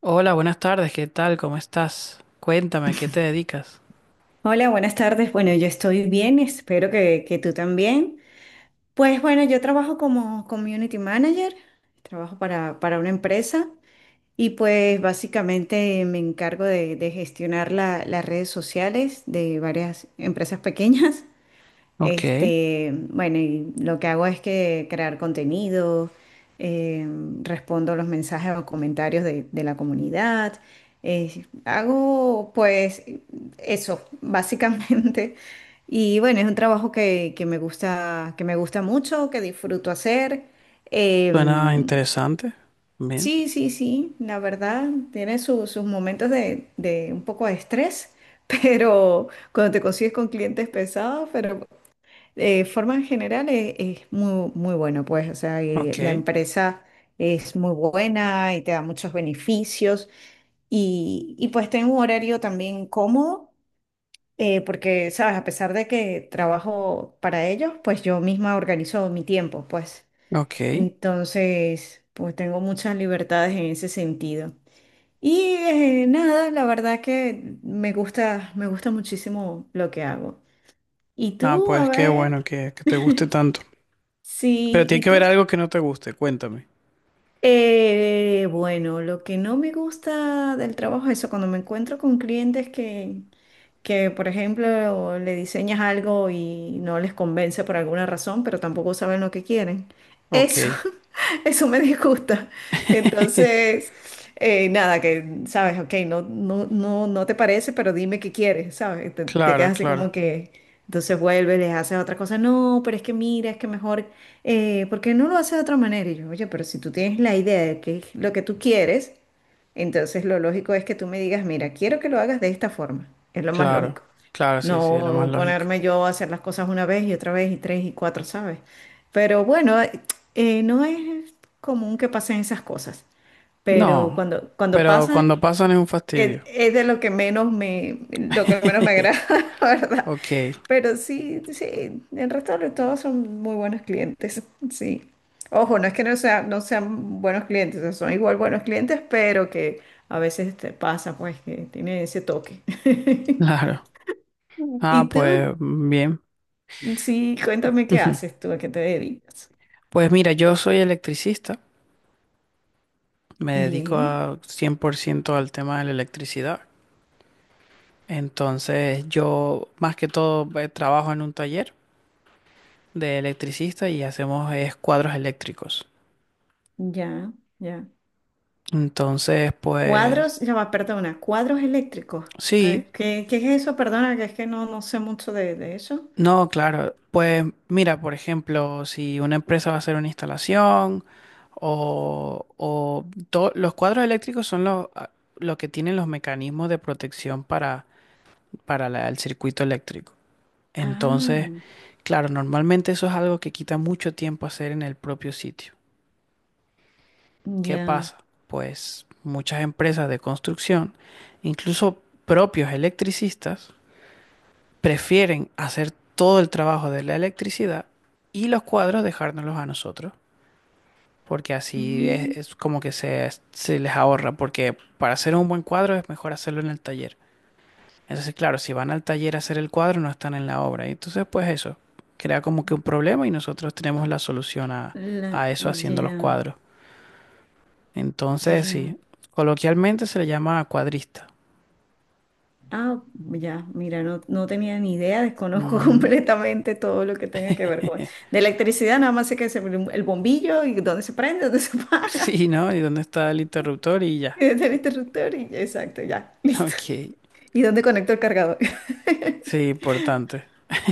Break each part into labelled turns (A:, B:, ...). A: Hola, buenas tardes, ¿qué tal? ¿Cómo estás? Cuéntame, ¿a qué te dedicas?
B: Hola, buenas tardes. Bueno, yo estoy bien, espero que tú también. Pues bueno, yo trabajo como community manager, trabajo para una empresa y pues básicamente me encargo de gestionar las redes sociales de varias empresas pequeñas.
A: Ok,
B: Este, bueno, y lo que hago es que crear contenido, eh, respondo los mensajes o comentarios de la comunidad. Hago pues eso, básicamente. Y bueno, es un trabajo que me gusta, que me gusta mucho, que disfruto hacer. Eh,
A: suena interesante. Bien,
B: sí, sí, sí, la verdad, tiene sus momentos de un poco de estrés, pero cuando te consigues con clientes pesados. Pero de forma en general es muy, muy bueno, pues, o sea,
A: ok,
B: la empresa es muy buena y te da muchos beneficios y pues tengo un horario también cómodo, porque, sabes, a pesar de que trabajo para ellos, pues yo misma organizo mi tiempo, pues.
A: ok.
B: Entonces, pues tengo muchas libertades en ese sentido. Y nada, la verdad que me gusta muchísimo lo que hago. ¿Y
A: Ah,
B: tú, a
A: pues qué
B: ver?
A: bueno que te guste tanto.
B: Sí,
A: Pero tiene
B: ¿y
A: que haber
B: tú?
A: algo que no te guste, cuéntame.
B: Bueno, lo que no me gusta del trabajo es eso, cuando me encuentro con clientes que, por ejemplo, le diseñas algo y no les convence por alguna razón, pero tampoco saben lo que quieren. Eso,
A: Ok.
B: eso me disgusta. Entonces, nada, que, sabes, ok, no, no, no, no te parece, pero dime qué quieres, ¿sabes? Te
A: Claro,
B: quedas así como
A: claro,
B: que... Entonces vuelves, les haces otra cosa. No, pero es que mira, es que mejor ¿por qué no lo hace de otra manera? Y yo, oye, pero si tú tienes la idea de qué es lo que tú quieres, entonces lo lógico es que tú me digas, mira, quiero que lo hagas de esta forma. Es lo más
A: claro,
B: lógico.
A: claro, sí, sí, lo más
B: No
A: lógico.
B: ponerme yo a hacer las cosas una vez y otra vez y tres y cuatro, ¿sabes? Pero bueno, no es común que pasen esas cosas. Pero
A: No,
B: cuando
A: pero
B: pasan,
A: cuando pasan es un fastidio.
B: es de lo que menos me, lo que menos me agrada, ¿verdad?
A: Ok,
B: Pero sí, sí, el resto de todos son muy buenos clientes, sí. Ojo, no es que no sean buenos clientes, o sea, son igual buenos clientes, pero que a veces te pasa, pues, que tiene ese toque.
A: claro. Ah,
B: ¿Y tú?
A: pues mm, bien.
B: Sí, cuéntame qué haces tú, a qué te dedicas.
A: Pues mira, yo soy electricista. Me dedico
B: Bien,
A: a 100% al tema de la electricidad. Entonces, yo más que todo trabajo en un taller de electricista y hacemos cuadros eléctricos.
B: ya, ya.
A: Entonces, pues
B: Cuadros, ya va, perdona, cuadros eléctricos.
A: sí,
B: ¿Qué, qué es eso? Perdona, que es que no, no sé mucho de eso.
A: no, claro. Pues mira, por ejemplo, si una empresa va a hacer una instalación o los cuadros eléctricos son los, ah, lo que tienen los mecanismos de protección para el circuito eléctrico. Entonces,
B: Ah,
A: claro, normalmente eso es algo que quita mucho tiempo hacer en el propio sitio. ¿Qué
B: ya.
A: pasa? Pues muchas empresas de construcción, incluso propios electricistas, prefieren hacer todo el trabajo de la electricidad y los cuadros dejárnoslos a nosotros, porque así
B: Mm,
A: es como que se les ahorra, porque para hacer un buen cuadro es mejor hacerlo en el taller. Entonces, claro, si van al taller a hacer el cuadro, no están en la obra. Y entonces, pues eso, crea como que un problema y nosotros tenemos la solución a eso haciendo los
B: ya.
A: cuadros. Entonces,
B: Ya.
A: sí, coloquialmente se le llama cuadrista.
B: Ah, ya, mira, no, no tenía ni idea, desconozco
A: Ujú.
B: completamente todo lo que tenga que ver con... De electricidad, nada más sé que es el bombillo y dónde se prende, dónde se apaga,
A: Sí, ¿no? ¿Y dónde está el interruptor? Y
B: y
A: ya.
B: dónde está el interruptor y exacto, ya, listo.
A: Ok.
B: ¿Y dónde conecto el cargador?
A: Sí, importante.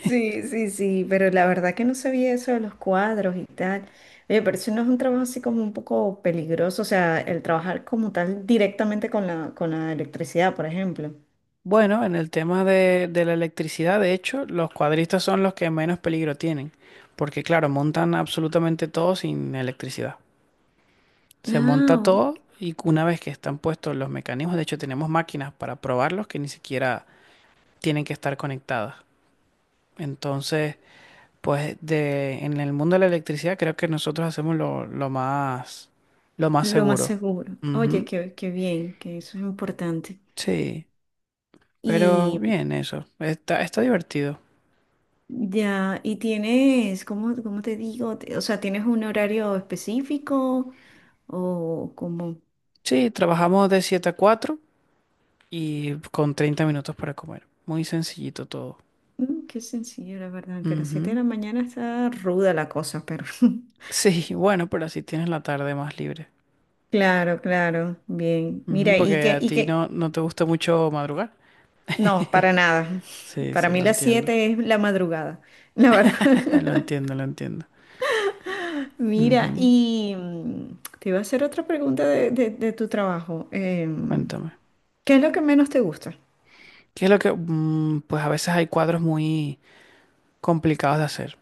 B: Sí, sí, sí, pero la verdad que no sabía eso de los cuadros y tal. Oye, pero eso no es un trabajo así como un poco peligroso, o sea, el trabajar como tal directamente con con la electricidad, por ejemplo.
A: Bueno, en el tema de la electricidad, de hecho, los cuadristas son los que menos peligro tienen, porque claro, montan absolutamente todo sin electricidad. Se monta
B: No.
A: todo y una vez que están puestos los mecanismos, de hecho tenemos máquinas para probarlos que ni siquiera tienen que estar conectadas. Entonces, pues de, en el mundo de la electricidad creo que nosotros hacemos lo más
B: Lo más
A: seguro.
B: seguro. Oye,
A: Ujú,
B: qué, qué bien, que eso es importante.
A: sí, pero
B: Y
A: bien eso. Está, está divertido.
B: ya, y tienes, ¿cómo, cómo te digo? O sea, ¿tienes un horario específico? O como,
A: Sí, trabajamos de 7 a 4 y con 30 minutos para comer. Muy sencillito todo.
B: mm, qué sencillo, la verdad, que a las 7 de
A: Ujú.
B: la mañana está ruda la cosa, pero
A: Sí, bueno, pero así tienes la tarde más libre.
B: claro, claro, bien.
A: Ujú,
B: Mira, y
A: porque a ti no, no te gusta mucho madrugar.
B: no, para nada.
A: Sí,
B: Para
A: sí,
B: mí
A: lo
B: las
A: entiendo.
B: 7 es la madrugada, la verdad.
A: Lo entiendo, lo entiendo.
B: Mira,
A: Ujú.
B: y mm, te iba a hacer otra pregunta de, de tu trabajo.
A: Cuéntame.
B: ¿Qué es lo que menos te gusta?
A: ¿Qué es lo que...? Mm, pues a veces hay cuadros muy complicados de hacer.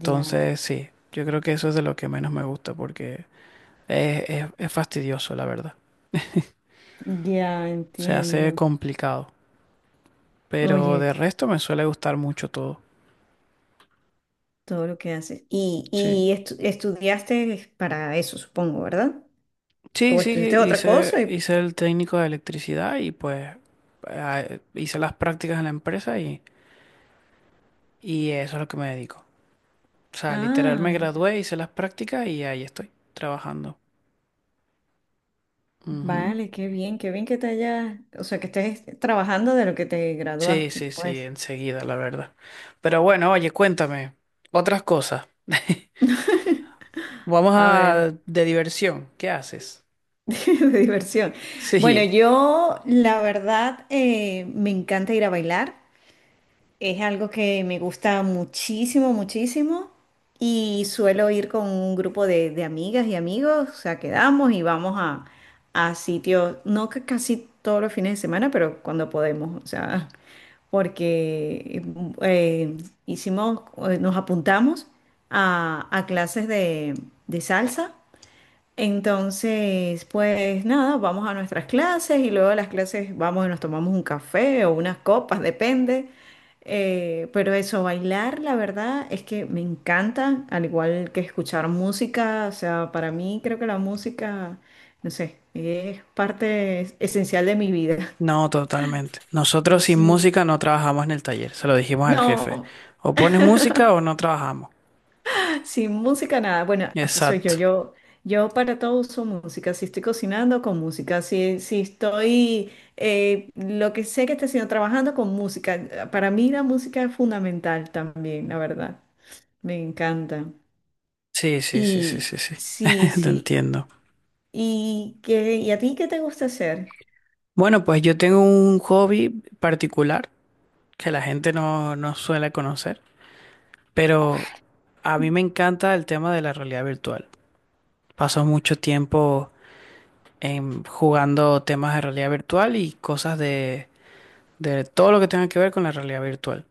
B: Ya,
A: sí, yo creo que eso es de lo que menos me gusta porque es fastidioso, la verdad.
B: ya
A: Se hace
B: entiendo.
A: complicado. Pero
B: Oye,
A: de resto me suele gustar mucho todo.
B: todo lo que haces.
A: Sí.
B: Y estudiaste para eso, supongo, ¿verdad?
A: Sí,
B: ¿O
A: sí,
B: estudiaste otra
A: hice,
B: cosa? Y...
A: hice el técnico de electricidad y pues hice las prácticas en la empresa y eso es lo que me dedico. O sea, literal me
B: Ah, ya.
A: gradué, hice las prácticas y ahí estoy, trabajando. Ujú.
B: Vale, qué bien que te hayas, o sea, que estés trabajando de lo que te
A: Sí,
B: graduaste,
A: sí, sí,
B: pues.
A: enseguida, la verdad. Pero bueno, oye, cuéntame, otras cosas. Vamos a
B: A ver.
A: de diversión, ¿qué haces?
B: De diversión. Bueno,
A: Sí,
B: yo la verdad me encanta ir a bailar. Es algo que me gusta muchísimo, muchísimo. Y suelo ir con un grupo de amigas y amigos. O sea, quedamos y vamos a sitios, no que casi todos los fines de semana, pero cuando podemos. O sea, porque eh, hicimos, nos apuntamos a clases de salsa. Entonces, pues nada, vamos a nuestras clases y luego de las clases vamos y nos tomamos un café o unas copas, depende. Pero eso, bailar, la verdad es que me encanta, al igual que escuchar música. O sea, para mí creo que la música, no sé, es parte esencial de mi vida.
A: no, totalmente. Nosotros sin
B: Sí.
A: música no trabajamos en el taller, se lo dijimos al jefe.
B: No.
A: O pones música o no trabajamos.
B: Sin música nada. Bueno, así soy yo.
A: Exacto.
B: Yo para todo uso música. Si estoy cocinando, con música. Si, si estoy, lo que sé que estoy haciendo, trabajando con música. Para mí la música es fundamental también, la verdad. Me encanta.
A: Sí, sí, sí, sí,
B: Y
A: sí, sí.
B: sí,
A: Te
B: sí.
A: entiendo.
B: ¿Y qué, y a ti qué te gusta hacer?
A: Bueno, pues yo tengo un hobby particular que la gente no, no suele conocer. Pero a mí me encanta el tema de la realidad virtual. Paso mucho tiempo en, jugando temas de realidad virtual y cosas de todo lo que tenga que ver con la realidad virtual.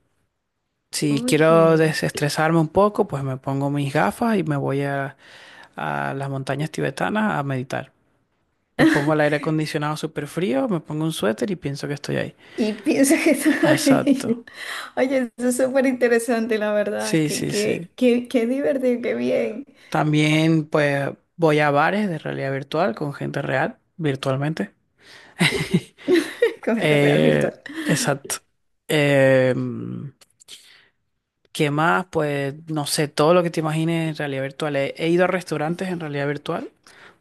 A: Si quiero
B: Oye.
A: desestresarme un poco, pues me pongo mis gafas y me voy a las montañas tibetanas a meditar. Me pongo el aire acondicionado súper frío, me pongo un suéter y pienso que estoy ahí.
B: Y piensa que está
A: Exacto.
B: ahí. Oye, eso es súper interesante, la verdad.
A: Sí,
B: Qué,
A: sí, sí.
B: qué, qué, qué divertido, qué bien.
A: También pues voy a bares de realidad virtual con gente real, virtualmente.
B: Con gente real
A: Eh,
B: virtual.
A: exacto. Eh, ¿Qué más? Pues no sé, todo lo que te imagines en realidad virtual. He ido a restaurantes en realidad virtual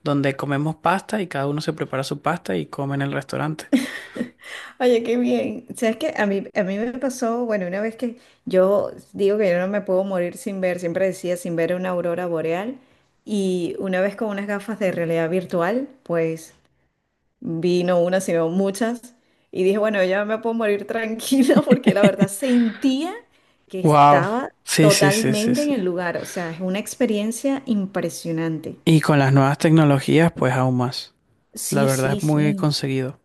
A: donde comemos pasta y cada uno se prepara su pasta y come en el restaurante.
B: Oye, qué bien. ¿Sabes qué? A mí me pasó, bueno, una vez que yo digo que yo no me puedo morir sin ver, siempre decía sin ver una aurora boreal, y una vez con unas gafas de realidad virtual, pues vi no una, sino muchas, y dije, bueno, ya me puedo morir tranquila porque la verdad sentía que
A: Wow.
B: estaba
A: Sí, sí, sí, sí,
B: totalmente en
A: sí.
B: el lugar, o sea, es una experiencia impresionante.
A: Y con las nuevas tecnologías, pues aún más. La
B: Sí,
A: verdad
B: sí,
A: es muy
B: sí.
A: conseguido.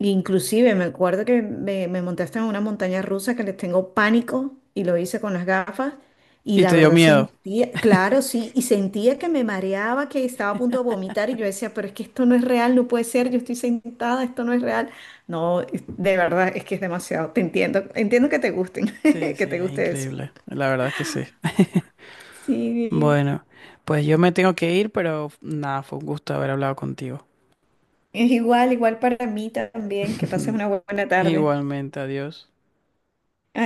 B: Inclusive me acuerdo que me monté hasta en una montaña rusa que les tengo pánico y lo hice con las gafas y
A: ¿Y
B: la
A: te dio
B: verdad
A: miedo?
B: sentía, claro, sí, y sentía que me mareaba, que estaba a punto de vomitar y yo decía, pero es que esto no es real, no puede ser, yo estoy sentada, esto no es real. No, de verdad es que es demasiado, te entiendo, entiendo que te gusten,
A: Sí,
B: que
A: sí,
B: te
A: es
B: guste eso.
A: increíble. La verdad es que sí.
B: Sí,
A: Bueno, pues yo me tengo que ir, pero nada, fue un gusto haber hablado contigo.
B: es igual, igual para mí también, que pases una buena tarde.
A: Igualmente, adiós.